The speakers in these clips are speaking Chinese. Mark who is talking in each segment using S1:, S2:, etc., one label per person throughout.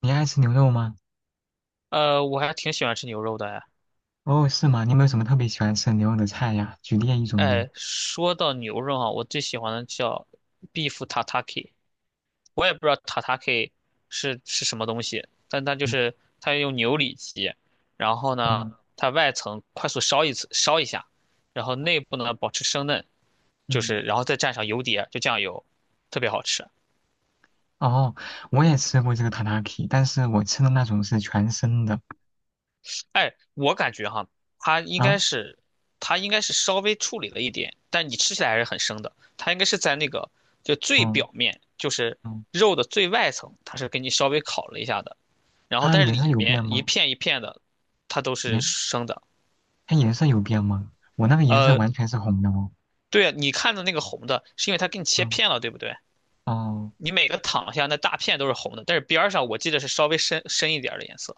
S1: 你爱吃牛肉吗？
S2: 我还挺喜欢吃牛肉的哎。
S1: 哦，是吗？你有没有什么特别喜欢吃的牛肉的菜呀？举例一种呗。
S2: 哎，说到牛肉啊，我最喜欢的叫 beef tataki,我也不知道 tataki 是什么东西，但它就
S1: 嗯
S2: 是它用牛里脊，然后呢，
S1: 嗯
S2: 它外层快速烧一次烧一下，然后内部呢保持生嫩，就
S1: 嗯。
S2: 是然后再蘸上油碟，就酱油，特别好吃。
S1: 哦，我也吃过这个塔塔 k， 但是我吃的那种是全生的
S2: 哎，我感觉哈，它应
S1: 啊。
S2: 该是，它应该是稍微处理了一点，但你吃起来还是很生的。它应该是在那个就最
S1: 嗯
S2: 表面，就是
S1: 嗯，
S2: 肉的最外层，它是给你稍微烤了一下的。然后
S1: 它
S2: 但是
S1: 颜色
S2: 里
S1: 有
S2: 面
S1: 变
S2: 一
S1: 吗？
S2: 片一片的，它都是
S1: 颜
S2: 生的。
S1: 它颜色有变吗？我那个颜色
S2: 呃，
S1: 完全是红的哦。
S2: 对啊，你看的那个红的，是因为它给你切
S1: 嗯，
S2: 片了，对不对？
S1: 哦
S2: 你每个躺下那大片都是红的，但是边儿上我记得是稍微深深一点儿的颜色。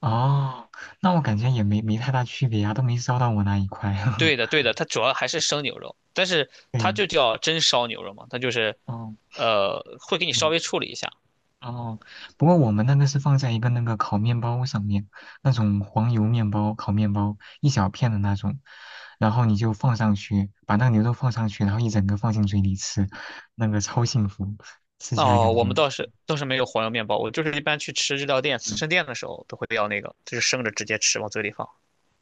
S1: 哦，那我感觉也没太大区别啊，都没烧到我那一块。
S2: 对的，对的，它主要还是生牛肉，但是它
S1: 对，
S2: 就叫真烧牛肉嘛，它就是
S1: 哦，
S2: 会给你稍
S1: 嗯。
S2: 微处理一下。
S1: 哦，不过我们那个是放在一个那个烤面包上面，那种黄油面包、烤面包一小片的那种，然后你就放上去，把那个牛肉放上去，然后一整个放进嘴里吃，那个超幸福，吃起来
S2: 哦，
S1: 感
S2: 我
S1: 觉。
S2: 们
S1: 哦，
S2: 倒是没有黄油面包，我就是一般去吃日料店、刺
S1: 嗯，
S2: 身店的时候都会要那个，就是生着直接吃，往嘴里放。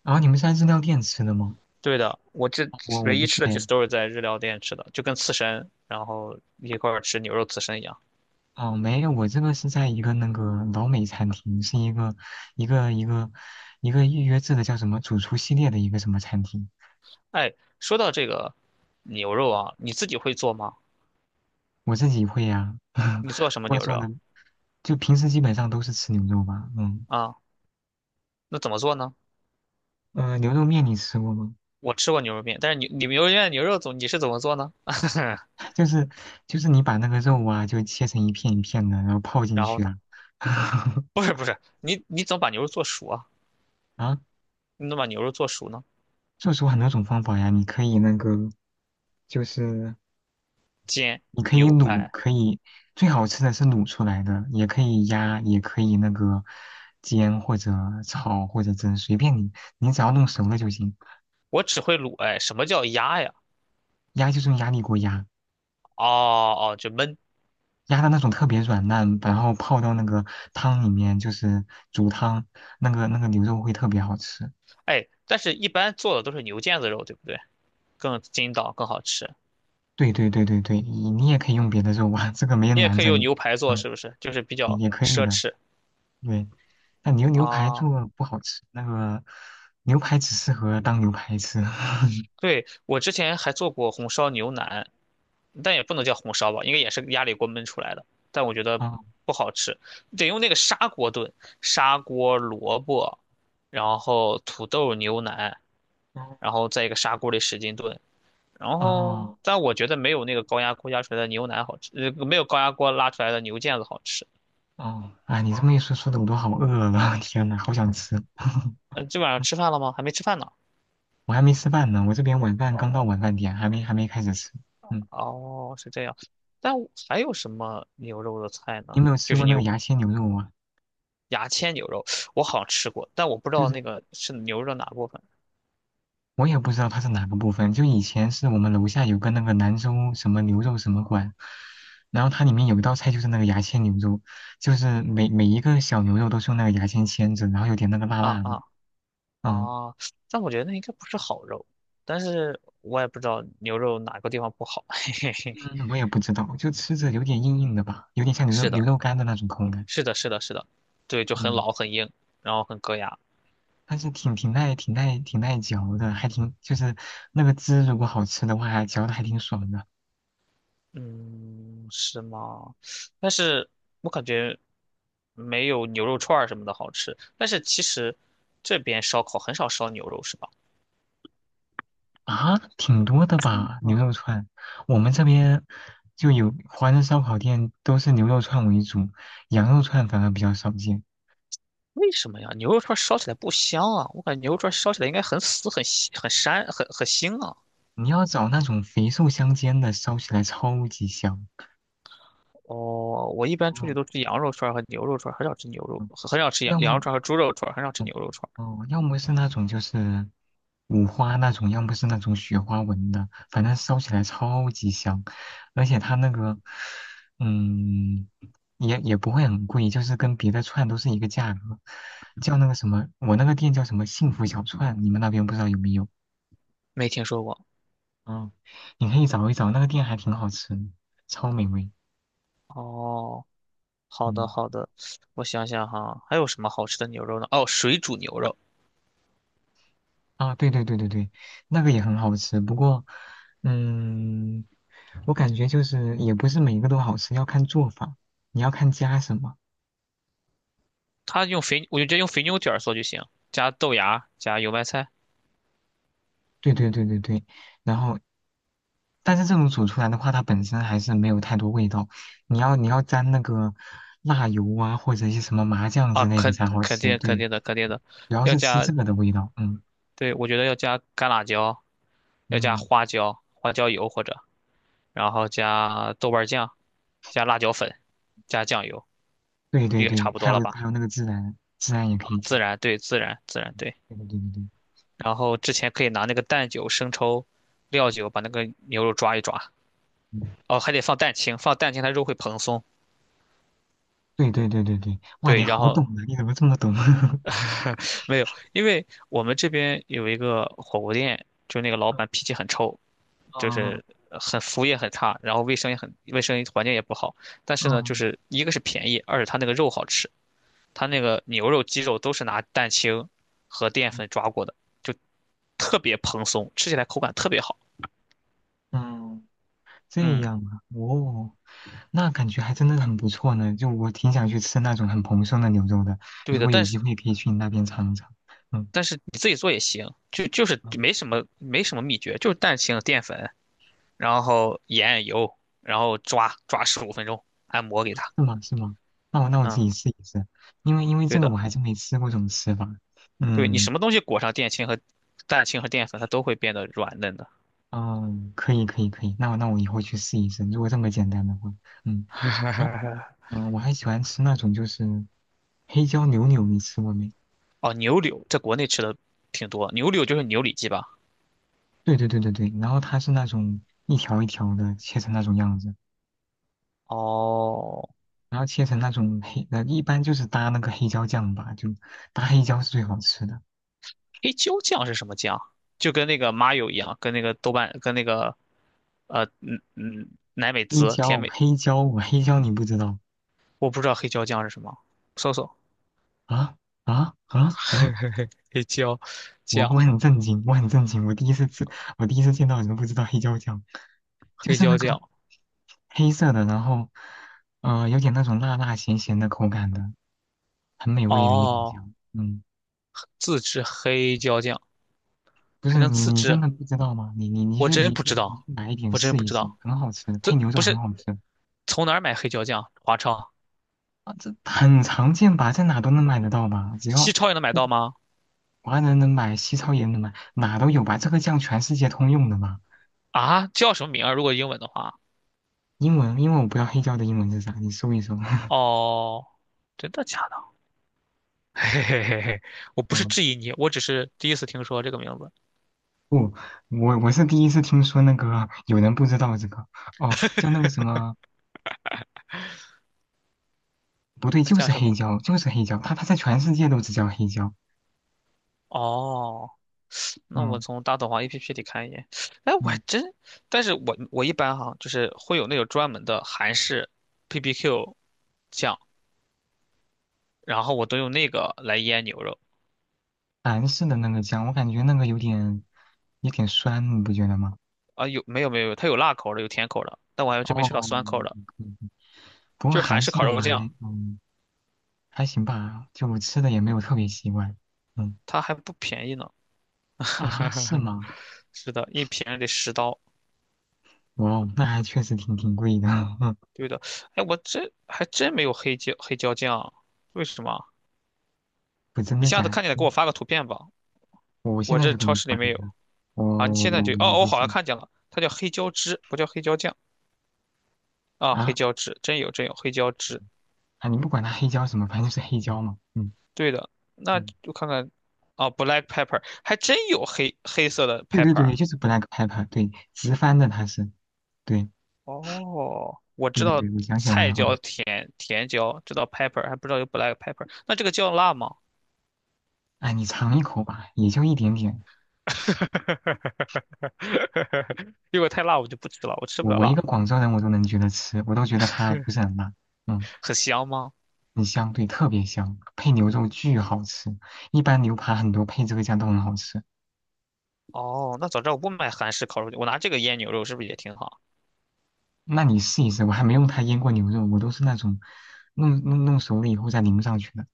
S1: 然后你们是在日料店吃的吗？
S2: 对的，我这
S1: 我
S2: 唯
S1: 不
S2: 一
S1: 是
S2: 吃的几
S1: 哎，
S2: 次都是在日料店吃的，就跟刺身，然后一块儿吃牛肉刺身一样。
S1: 哦没有，我这个是在一个那个老美餐厅，是一个一个一个预约制的叫什么主厨系列的一个什么餐厅。
S2: 哎，说到这个牛肉啊，你自己会做吗？
S1: 我自己会呀、
S2: 你做什
S1: 不
S2: 么
S1: 过
S2: 牛
S1: 做
S2: 肉
S1: 的就平时基本上都是吃牛肉吧，嗯，
S2: 啊？那怎么做呢？
S1: 牛肉面你吃过吗？
S2: 我吃过牛肉面，但是你们牛肉面的牛肉总你是怎么做呢？
S1: 就是就是你把那个肉啊，就切成一片一片的，然后泡进
S2: 然后
S1: 去
S2: 呢？
S1: 啊，
S2: 不是，你怎么把牛肉做熟啊？
S1: 啊，
S2: 你怎么把牛肉做熟呢？
S1: 做出很多种方法呀，你可以那个，就是
S2: 煎、
S1: 你可以
S2: 牛
S1: 卤，
S2: 排，
S1: 可以最好吃的是卤出来的，也可以压，也可以那个煎或者炒或者蒸，随便你，你只要弄熟了就行，
S2: 我只会卤。哎，什么叫压呀？
S1: 压就是用压力锅压。
S2: 哦哦，就焖。
S1: 压的那种特别软烂，然后泡到那个汤里面，就是煮汤，那个牛肉会特别好吃。
S2: 哎，但是一般做的都是牛腱子肉，对不对？更筋道，更好吃。
S1: 对对对对对，你也可以用别的肉啊，这个没人
S2: 你也
S1: 拦
S2: 可以
S1: 着
S2: 用
S1: 你，
S2: 牛排做，
S1: 嗯，
S2: 是不是？就是比较
S1: 也可以
S2: 奢
S1: 的。
S2: 侈
S1: 对，但牛排
S2: 啊。
S1: 做不好吃，那个牛排只适合当牛排吃。
S2: 对，我之前还做过红烧牛腩，但也不能叫红烧吧，应该也是压力锅焖出来的，但我觉得
S1: 哦
S2: 不好吃，得用那个砂锅炖，砂锅萝卜，然后土豆牛腩，然
S1: 哦
S2: 后在一个砂锅里使劲炖，然后
S1: 哦
S2: 但我觉得没有那个高压锅压出来的牛腩好吃，没有高压锅拉出来的牛腱子好吃。
S1: 哦！哎，你这么一说，说的我都好饿了，天呐，好想吃。
S2: 嗯、这晚上吃饭了吗？还没吃饭呢。
S1: 我还没吃饭呢，我这边晚饭刚到晚饭点，还没开始吃。嗯，
S2: 哦，是这样。但我还有什么牛肉的菜呢？
S1: 你有没有
S2: 就
S1: 吃过
S2: 是
S1: 那个
S2: 牛
S1: 牙签牛肉啊？
S2: 牙签牛肉，我好像吃过，但我不知
S1: 就
S2: 道
S1: 是
S2: 那个是牛肉的哪部分。
S1: 我也不知道它是哪个部分。就以前是我们楼下有个那个兰州什么牛肉什么馆，然后它里面有一道菜就是那个牙签牛肉，就是每一个小牛肉都是用那个牙签签着，然后有点那个辣
S2: 啊
S1: 辣的。
S2: 啊
S1: 嗯
S2: 啊，但我觉得那应该不是好肉，但是我也不知道牛肉哪个地方不好。
S1: 嗯，我也不知道，就吃着有点硬硬的吧，有点像牛肉
S2: 是
S1: 牛
S2: 的，
S1: 肉干的那种口感。
S2: 是的，是的，是的，对，就很
S1: 嗯，
S2: 老很硬，然后很硌牙。
S1: 但是挺耐嚼的，还挺就是那个汁如果好吃的话，嚼的还挺爽的。
S2: 嗯，是吗？但是我感觉没有牛肉串儿什么的好吃。但是其实这边烧烤很少烧牛肉，是吧？
S1: 啊，挺多的吧，
S2: 嗯，
S1: 牛肉串。我们这边就有华人烧烤店，都是牛肉串为主，羊肉串反而比较少见。
S2: 为什么呀？牛肉串儿烧起来不香啊？我感觉牛肉串儿烧起来应该很死、很腥很膻、很腥啊。
S1: 你要找那种肥瘦相间的，烧起来超级香。
S2: 哦，我一般出去
S1: 嗯，
S2: 都吃羊肉串儿和牛肉串儿，很少吃牛肉，
S1: 嗯
S2: 很少吃羊
S1: 要
S2: 羊肉
S1: 么
S2: 串儿和猪肉串儿，很少吃
S1: 哦，
S2: 牛肉串儿。
S1: 哦要么是那种就是五花那种，要么是那种雪花纹的，反正烧起来超级香，而且它那个，嗯，也不会很贵，就是跟别的串都是一个价格，叫那个什么，我那个店叫什么幸福小串，你们那边不知道有没有？
S2: 没听说过。
S1: 嗯，你可以找一找，那个店还挺好吃的，超美味。
S2: 哦，好的
S1: 嗯。
S2: 好的，我想想哈，还有什么好吃的牛肉呢？哦，水煮牛肉，
S1: 啊，对对对对对，那个也很好吃。不过，嗯，我感觉就是也不是每一个都好吃，要看做法，你要看加什么。
S2: 它用肥，我就直接用肥牛卷儿做就行，加豆芽，加油麦菜
S1: 对对对对对，然后，但是这种煮出来的话，它本身还是没有太多味道。你要沾那个辣油啊，或者一些什么麻酱
S2: 啊，
S1: 之类的
S2: 肯
S1: 才好
S2: 肯
S1: 吃。
S2: 定肯
S1: 对，
S2: 定的肯定的，
S1: 主要
S2: 要
S1: 是吃
S2: 加，
S1: 这个的味道。嗯
S2: 对，我觉得要加干辣椒，要加
S1: 嗯，
S2: 花椒，花椒油或者，然后加豆瓣酱，加辣椒粉，加酱油，
S1: 对对
S2: 这个差
S1: 对，
S2: 不
S1: 还
S2: 多
S1: 有
S2: 了吧？
S1: 还有那个孜然，孜然也可以加。
S2: 自然，对，自然，自然，对。
S1: 对对对对对。
S2: 然后之前可以拿那个蛋酒、生抽、料酒把那个牛肉抓一抓。
S1: 嗯，
S2: 哦，还得放蛋清，放蛋清它肉会蓬松。
S1: 对对对对对，哇，你
S2: 对，然
S1: 好
S2: 后
S1: 懂啊！你怎么这么懂？啊，
S2: 没有，因为我们这边有一个火锅店，就那个老板脾气很臭，就是很服务也很差，然后卫生也很卫生环境也不好。但是呢，就
S1: 嗯
S2: 是一个是便宜，二是他那个肉好吃，他那个牛肉、鸡肉都是拿蛋清和淀
S1: 嗯
S2: 粉抓过的，就特别蓬松，吃起来口感特别好。
S1: 嗯，这
S2: 嗯。
S1: 样啊，哦，那感觉还真的很不错呢。就我挺想去吃那种很蓬松的牛肉的，
S2: 对
S1: 如
S2: 的，
S1: 果有
S2: 但
S1: 机
S2: 是
S1: 会可以去你那边尝一尝。嗯
S2: 你自己做也行，就
S1: 嗯，
S2: 没什么秘诀，就是蛋清、淀粉，然后盐、油，然后抓抓15分钟，按摩给它。
S1: 是吗？是吗？那我自
S2: 嗯，
S1: 己试一试，因为
S2: 对
S1: 这个
S2: 的，
S1: 我还真没吃过这种吃法。
S2: 对你
S1: 嗯
S2: 什么东西裹上蛋清和淀粉，它都会变得软嫩的。
S1: 嗯，可以可以可以，那我以后去试一试，如果这么简单的话，嗯。然后，嗯，我还喜欢吃那种就是黑椒牛柳，你吃过没？
S2: 哦，牛柳在国内吃的挺多，牛柳就是牛里脊吧？
S1: 对对对对对，然后它是那种一条一条的切成那种样子，
S2: 哦，
S1: 然后切成那种一般就是搭那个黑椒酱吧，就搭黑椒是最好吃的。
S2: 黑椒酱是什么酱？就跟那个麻油一样，跟那个豆瓣，跟那个呃嗯嗯奶美
S1: 黑
S2: 滋、甜
S1: 椒，
S2: 美，
S1: 黑椒，我黑椒你不知道
S2: 我不知道黑椒酱是什么，搜搜。
S1: 啊啊啊啊！
S2: 黑椒
S1: 我
S2: 酱，
S1: 我很震惊，我很震惊，我第一次吃，我第一次见到有人不知道黑椒酱，就
S2: 黑
S1: 是那
S2: 椒
S1: 个
S2: 酱，
S1: 黑色的，然后有点那种辣辣咸咸的口感的，很美味的一种
S2: 哦，
S1: 酱。嗯，
S2: 自制黑椒酱
S1: 不
S2: 还
S1: 是
S2: 能
S1: 你
S2: 自
S1: 你
S2: 制，
S1: 真的不知道吗？你你你
S2: 我
S1: 去
S2: 真
S1: 你
S2: 不
S1: 去
S2: 知
S1: 你
S2: 道，
S1: 去买一点
S2: 我真
S1: 试
S2: 不
S1: 一
S2: 知
S1: 试，
S2: 道，
S1: 很好吃，
S2: 这
S1: 配牛肉
S2: 不
S1: 很
S2: 是
S1: 好吃。
S2: 从哪儿买黑椒酱？华超、
S1: 啊，这很常见吧，在哪都能买得到吧，只要
S2: 西超也能买到吗？
S1: 华人能买，西超也能买，哪都有吧，这个酱全世界通用的嘛。
S2: 啊，叫什么名儿啊？如果英文的话，
S1: 英文，因为我不知道黑椒的英文是啥，你搜一搜。
S2: 哦，真的假的？嘿嘿嘿嘿我不是
S1: 嗯，
S2: 质疑你，我只是第一次听说这个名字，
S1: 我是第一次听说那个有人不知道这个哦，像那个什么不对，
S2: 那
S1: 就
S2: 叫
S1: 是
S2: 什么？
S1: 黑椒，就是黑椒。它在全世界都只叫黑椒。
S2: 哦，那我
S1: 嗯
S2: 从大董行 APP 里看一眼。哎，我还
S1: 嗯，
S2: 真，但是我一般哈，就是会有那种专门的韩式 p p q 酱，然后我都用那个来腌牛肉
S1: 韩式的那个酱，我感觉那个有点酸，你不觉得吗？
S2: 啊。有没有没有，它有辣口的，有甜口的，但我还真没
S1: 哦，
S2: 吃到酸口
S1: 嗯，
S2: 的，
S1: 不过
S2: 就是韩
S1: 韩
S2: 式
S1: 式
S2: 烤
S1: 的我
S2: 肉酱，
S1: 还还行吧，就吃的也没有特别习惯。嗯，
S2: 它还不便宜呢。
S1: 啊，是 吗？
S2: 是的，一瓶得10刀。
S1: 哇哦，那还确实挺贵的。
S2: 对的，哎，我这还真没有黑椒酱啊，为什么啊？
S1: 不，真
S2: 你
S1: 的
S2: 下次
S1: 假的？
S2: 看见了
S1: 真
S2: 给我
S1: 的
S2: 发个图片吧，
S1: 我现
S2: 我
S1: 在
S2: 这
S1: 就给
S2: 超
S1: 你
S2: 市里
S1: 发
S2: 没
S1: 一
S2: 有。
S1: 个，我
S2: 啊，你现在
S1: 我
S2: 就
S1: 我
S2: 哦，
S1: 不
S2: 我好像
S1: 信
S2: 看见了，它叫黑椒汁，不叫黑椒酱啊，黑
S1: 啊。
S2: 椒汁，真有黑椒汁，
S1: 啊，你不管它黑椒什么，反正就是黑椒嘛。嗯
S2: 对的，那
S1: 嗯，
S2: 就看看啊，black pepper 还真有黑黑色的
S1: 对对
S2: pepper,
S1: 对，
S2: 啊
S1: 就是 black pepper，对，直翻的它是，对
S2: 哦，我
S1: 对
S2: 知
S1: 对
S2: 道
S1: 对，我想起来了
S2: 菜
S1: 啊。
S2: 椒甜椒，知道 pepper,还不知道有 black pepper,那这个叫辣吗？
S1: 哎，你尝一口吧，也就一点点。
S2: 如果太辣我就不吃了，我吃不
S1: 我
S2: 了
S1: 我一
S2: 辣，
S1: 个广州人，我都能觉得吃，我都觉得它不是很辣。嗯，
S2: 很香吗？
S1: 很香，对，特别香，配牛肉巨好吃。一般牛扒很多配这个酱都很好吃。
S2: 哦，那早知道我不买韩式烤肉，我拿这个腌牛肉是不是也挺好？
S1: 那你试一试，我还没用它腌过牛肉，我都是那种弄熟了以后再淋上去的。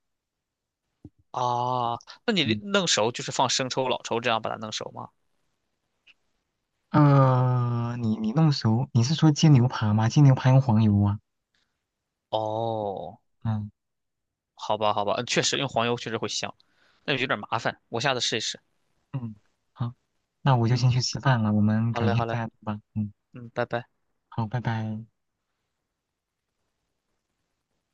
S2: 啊，那你
S1: 嗯。
S2: 弄熟就是放生抽、老抽这样把它弄熟吗？
S1: 你弄熟，你是说煎牛排吗？煎牛排用黄油啊。
S2: 哦，
S1: 嗯
S2: 好吧，好吧，嗯确实用黄油确实会香，那有点麻烦，我下次试一试。
S1: 嗯，好，那我就
S2: 嗯，
S1: 先去吃饭了，我们
S2: 好
S1: 改
S2: 嘞，
S1: 天
S2: 好
S1: 再
S2: 嘞，
S1: 聊吧。嗯，
S2: 嗯，拜拜。
S1: 好，拜拜。